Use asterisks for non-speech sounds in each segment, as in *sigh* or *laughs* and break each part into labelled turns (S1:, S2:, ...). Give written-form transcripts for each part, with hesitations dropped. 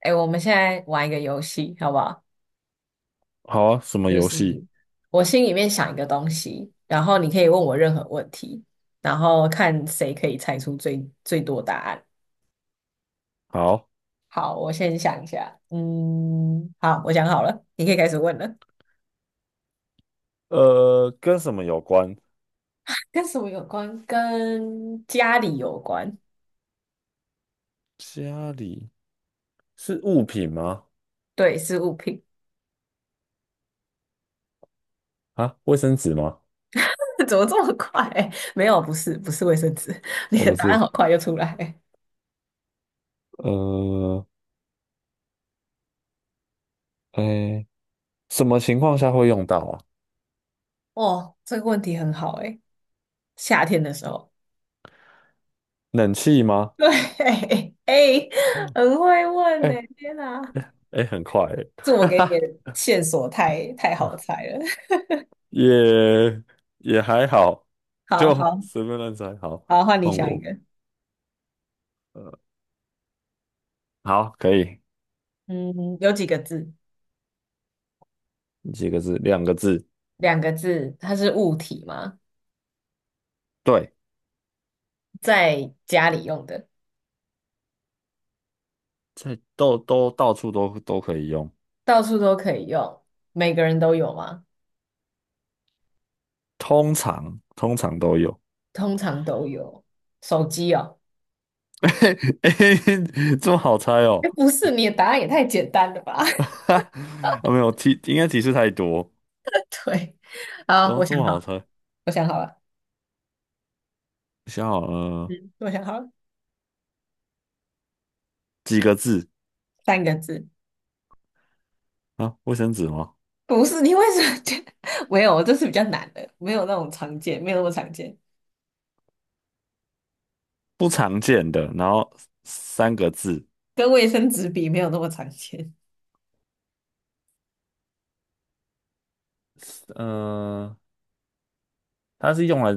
S1: 哎，我们现在玩一个游戏，好不好？
S2: 好啊，什么
S1: 就
S2: 游
S1: 是
S2: 戏？
S1: 我心里面想一个东西，然后你可以问我任何问题，然后看谁可以猜出最多答案。
S2: 好。
S1: 好，我先想一下。嗯，好，我想好了，你可以开始问了。
S2: 跟什么有关？
S1: 跟什么有关？跟家里有关。
S2: 家里是物品吗？
S1: 对，是物品。
S2: 啊，卫生纸吗？
S1: *laughs* 怎么这么快？没有，不是，不是卫生纸。*laughs* 你
S2: 哦，
S1: 的
S2: 不
S1: 答
S2: 是。
S1: 案好快就出来。
S2: 呃，哎，什么情况下会用到啊？
S1: 哦，这个问题很好诶，夏天的时候。
S2: 冷气吗？
S1: 对，*laughs* 哎、
S2: 嗯，
S1: 很会问呢、
S2: 哎
S1: 天哪，
S2: 哎，很快欸
S1: 这
S2: *laughs*
S1: 我
S2: 哈
S1: 给你
S2: 哈，
S1: 的线索太好
S2: *laughs*
S1: 猜了。*laughs*
S2: 也也还好，
S1: 好
S2: 就
S1: 好
S2: 随便乱猜。好，
S1: 好，换你
S2: 换
S1: 想一
S2: 我。
S1: 个。
S2: 呃，好，可以。
S1: 嗯，有几个字？
S2: 几个字？两个字，
S1: 两个字，它是物体吗？
S2: 对。
S1: 在家里用的，
S2: 在到处都可以用，
S1: 到处都可以用，每个人都有吗？
S2: 通常都有。
S1: 通常都有。手机哦，
S2: *laughs* 嘿嘿嘿这么好猜哦？
S1: 哎，不是，你的答案也太简单了吧？
S2: *laughs*
S1: *laughs*
S2: 哈，哦没有提，应该提示太多，
S1: 对，好，
S2: 然后
S1: 我
S2: 这
S1: 想
S2: 么
S1: 好
S2: 好
S1: 了，
S2: 猜。我
S1: 我想好了，
S2: 想好了。
S1: 嗯，我想好了，
S2: 几个字
S1: 三个字。
S2: 啊？卫生纸吗？
S1: 不是，你为什么觉得 *laughs* 没有？这是比较难的，没有那种常见，没有那么常见，
S2: 不常见的，然后三个字。
S1: 跟卫生纸比没有那么常见。
S2: 呃，它是用来，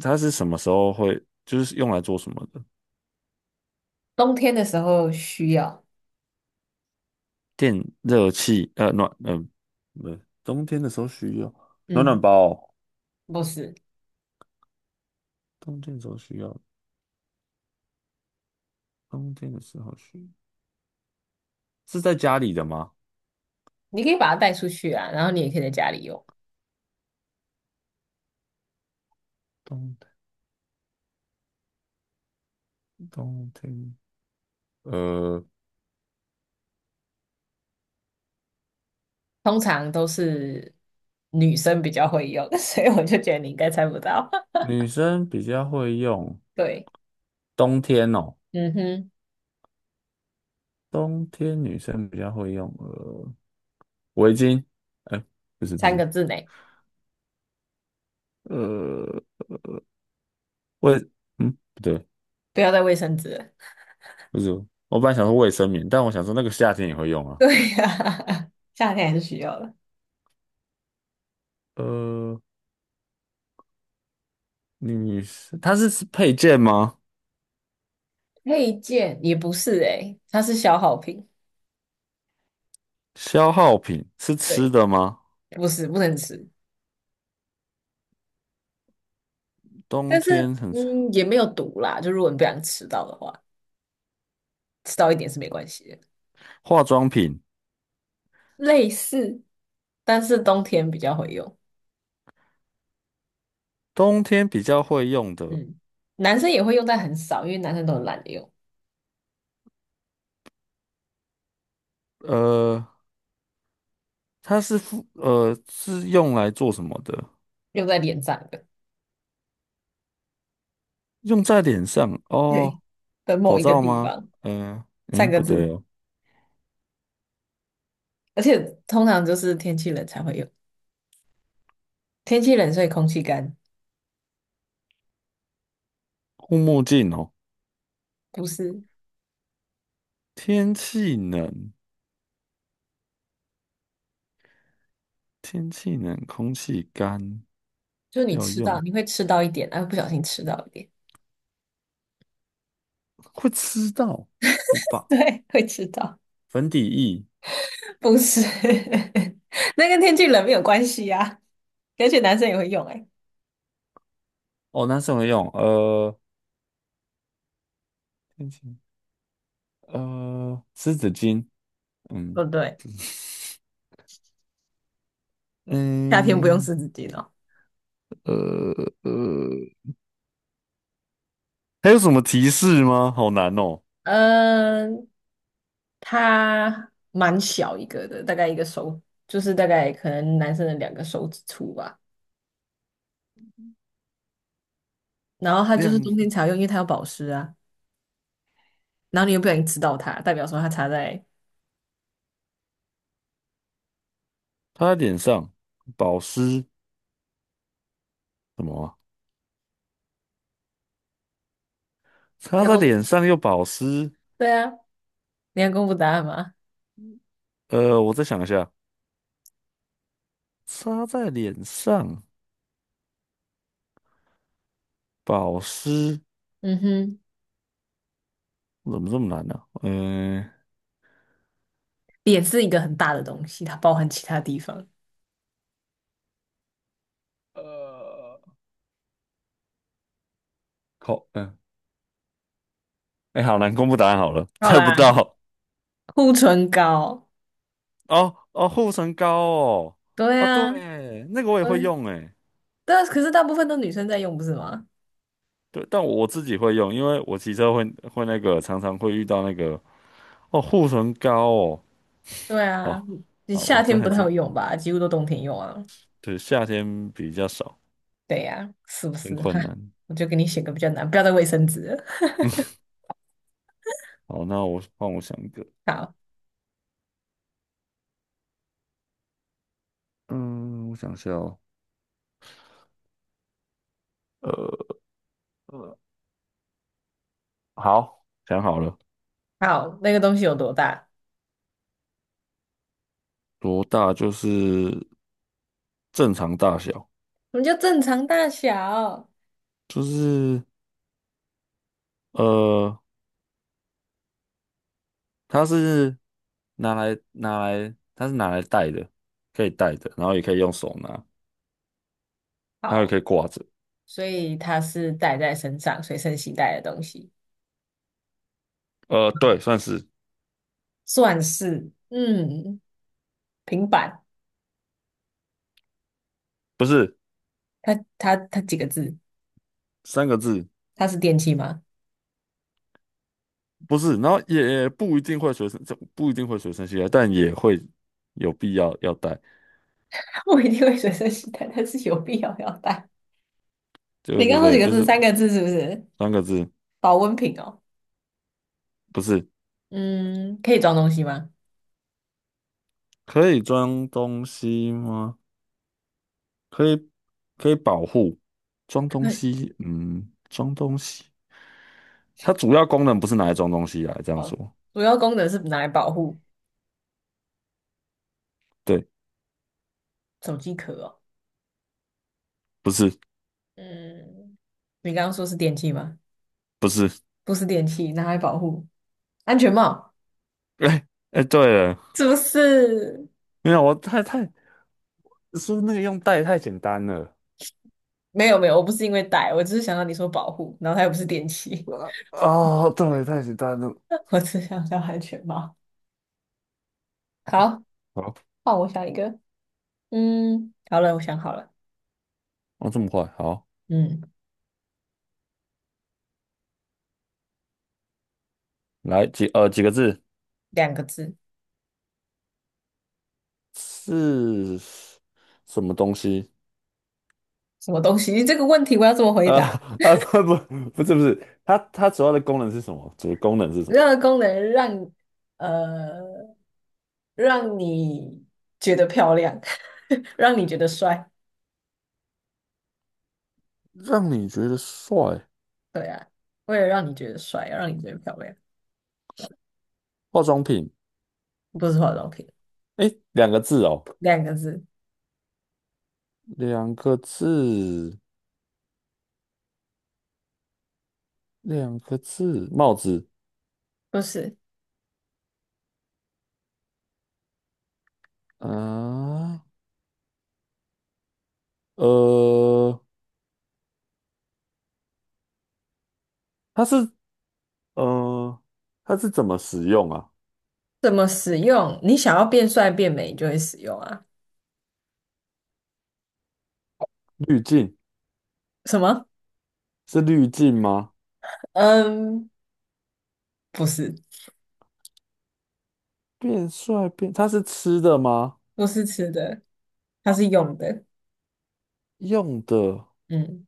S2: 它是什么时候会，就是用来做什么的？
S1: 冬天的时候需要，
S2: 电热器，暖，不是。冬天的时候需要暖
S1: 嗯，
S2: 暖包哦？
S1: 不是，
S2: 冬天的时候需要，冬天的时候需要，是在家里的吗？
S1: 你可以把它带出去啊，然后你也可以在家里用。
S2: 冬天，冬天。呃，
S1: 通常都是女生比较会用，*laughs* 所以我就觉得你应该猜不到。*laughs*
S2: 女生比较会用。
S1: 对，
S2: 冬天哦，
S1: 嗯哼，
S2: 冬天女生比较会用围巾，哎、不是不
S1: 三
S2: 是。
S1: 个字内，
S2: 呃卫，嗯不对，
S1: 不要带卫生纸了
S2: 不是。我本来想说卫生棉，但我想说那个夏天也会用
S1: *laughs*
S2: 啊。
S1: 对呀、*laughs* 夏天还是需要的。
S2: 呃，女生它是配件吗？
S1: 配件也不是诶、欸它是消耗品。
S2: 消耗品是吃
S1: 对，
S2: 的吗？
S1: 不是，不能吃。
S2: 冬
S1: 但是
S2: 天很
S1: 嗯，也没有毒啦，就如果你不想吃到的话，吃到一点是没关系的。
S2: 化妆品，
S1: 类似，但是冬天比较会用，
S2: 冬天比较会用的。
S1: 嗯，男生也会用，在很少，因为男生都很懒得用，
S2: 呃，它是用来做什么的？
S1: 用在脸上的
S2: 用在脸上
S1: 对，
S2: 哦。
S1: 的某
S2: 口
S1: 一个
S2: 罩
S1: 地
S2: 吗？
S1: 方，
S2: 嗯、
S1: 三
S2: 嗯，
S1: 个
S2: 不对
S1: 字，
S2: 哦，
S1: 而且通常就是天气冷才会用，天气冷所以空气干，
S2: 护目镜哦。
S1: 不是，
S2: 天气冷，天气冷，空气干，
S1: 就是
S2: 要用
S1: 你会吃到一点，然后不小心吃到一点，
S2: 会吃到不
S1: *laughs*
S2: 吧？
S1: 对，会吃到，
S2: 粉底液
S1: 不是，*laughs* 那跟天气冷没有关系啊，而且男生也会用、欸，
S2: 哦，男生会用。天气湿纸巾。
S1: 不
S2: 嗯
S1: 对，夏天不用
S2: 嗯
S1: 湿纸巾哦。
S2: 呃呃，还有什么提示吗？好难哦。
S1: 嗯，它蛮小一个的，大概一个手，就是大概可能男生的两个手指粗吧。然后它就是
S2: 亮，
S1: 冬天才要用，因为它有保湿啊。然后你又不小心吃到它，代表说它擦在
S2: 擦在脸上，保湿什么啊擦
S1: 要
S2: 在
S1: 公
S2: 脸
S1: 布，
S2: 上又保湿。
S1: 对啊，你要公布答案吗？
S2: 我再想一下。擦在脸上，保湿，
S1: 嗯哼，
S2: 怎么这么难呢、嗯、
S1: 脸是一个很大的东西，它包含其他地方。
S2: 呃，口，嗯、哎，好难，公布答案好了，
S1: 好
S2: 猜不
S1: 啦，
S2: 到。
S1: 护唇膏，
S2: 哦哦，护唇膏哦，
S1: 对
S2: 哦
S1: 啊，
S2: 对，那个我也会
S1: 对，
S2: 用哎。
S1: 但可是大部分都女生在用，不是吗？
S2: 对，但我自己会用，因为我骑车会那个，常常会遇到那个，哦护唇膏哦。
S1: 对啊，
S2: 好
S1: 你
S2: 啊，我
S1: 夏
S2: 这
S1: 天
S2: 还
S1: 不太
S2: 真，
S1: 有用吧？几乎都冬天用啊。
S2: 对，夏天比较少，
S1: 对呀、是不
S2: 很
S1: 是？*laughs* 哈，
S2: 困难。
S1: 我就给你选个比较难，不要再卫生纸了
S2: *laughs* 好，那我帮我想一个。
S1: *laughs* 好，
S2: 嗯，我想一下哦。呃，呃好，想好了。
S1: 好，那个东西有多大？
S2: 多大就是正常大小，
S1: 我们就正常大小。
S2: 就是呃，它是拿来，它是拿来戴的，可以戴的，然后也可以用手拿，然后也
S1: 好，
S2: 可以挂着。
S1: 所以它是带在身上，随身携带的东西，
S2: 对，算是。
S1: 算是嗯，平板。它几个字？
S2: 三个字，
S1: 它是电器吗？
S2: 不是。然后也不一定会随身，这不一定会随身携带，但也会有必要要带。
S1: *laughs* 我一定会随身携带，但是有必要要带。
S2: 对
S1: 你
S2: 对
S1: 刚说
S2: 对，
S1: 几个
S2: 就
S1: 字？
S2: 是
S1: 三个字是不是？
S2: 三个字。
S1: 保温瓶哦。
S2: 不是。
S1: 嗯，可以装东西吗？
S2: 可以装东西吗？可以可以保护。装东
S1: *laughs*
S2: 西，嗯，装东西，它主要功能不是拿来装东西啊，这样
S1: 好，
S2: 说。
S1: 主要功能是拿来保护
S2: 对，
S1: 手机壳哦。
S2: 不是
S1: 嗯，你刚刚说是电器吗？
S2: 不是。
S1: 不是电器，拿来保护安全帽，
S2: *laughs* 哎哎，对了。
S1: 是不是？
S2: 没有，我太太说那个用袋太简单了？
S1: 没有没有，我不是因为戴，我只是想到你说保护，然后它又不是电器，
S2: 啊哦，对，太简单了。
S1: *laughs* 我只想到安全帽。好，
S2: 好，
S1: 换我想一个。嗯，好了，我想好了。
S2: 哦，这么快。好，
S1: 嗯，
S2: 来几几个字。
S1: 两个字，
S2: 是什么东西？
S1: 什么东西？*laughs* 这个问题我要怎么回
S2: 啊
S1: 答？
S2: 不是不是。它主要的功能是什么？主要功能是什么？
S1: 任何功能让呃让你觉得漂亮，*laughs* 让你觉得帅。
S2: 让你觉得帅，
S1: 对啊，为了让你觉得帅，要让你觉得漂亮，
S2: 化妆品。
S1: 不是化妆品，
S2: 哎，两个字哦，
S1: 两个字，
S2: 两个字，两个字，帽子。
S1: 不是。
S2: 啊，呃，它是呃，它是怎么使用啊？
S1: 怎么使用？你想要变帅变美，你就会使用啊。
S2: 滤镜，
S1: 什么？
S2: 是滤镜吗？
S1: 嗯，不是，
S2: 变帅变，它是吃的吗？
S1: 不是吃的，它是用的。
S2: 用的。
S1: 嗯，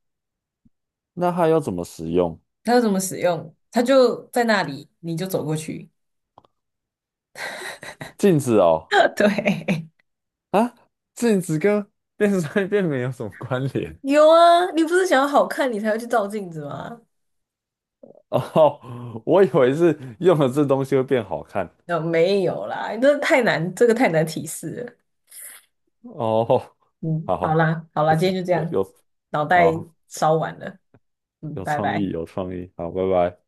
S2: 那它要怎么使用？
S1: 它要怎么使用？它就在那里，你就走过去。
S2: 镜子哦，
S1: *laughs* 对，
S2: 啊，镜子跟变帅变美有什么关联？
S1: 有啊，你不是想要好看，你才会去照镜子吗？
S2: *laughs* 哦，我以为是用了这东西会变好看。
S1: 那、没有啦，你这太难，这个太难提示了。
S2: 哦，
S1: 嗯，好
S2: 好，
S1: 啦，好
S2: 不
S1: 啦，今
S2: 错。
S1: 天就这
S2: 有
S1: 样，
S2: 有
S1: 脑袋
S2: 好，
S1: 烧完了。嗯，
S2: 有
S1: 拜
S2: 创
S1: 拜。
S2: 意，有创意。好，拜拜。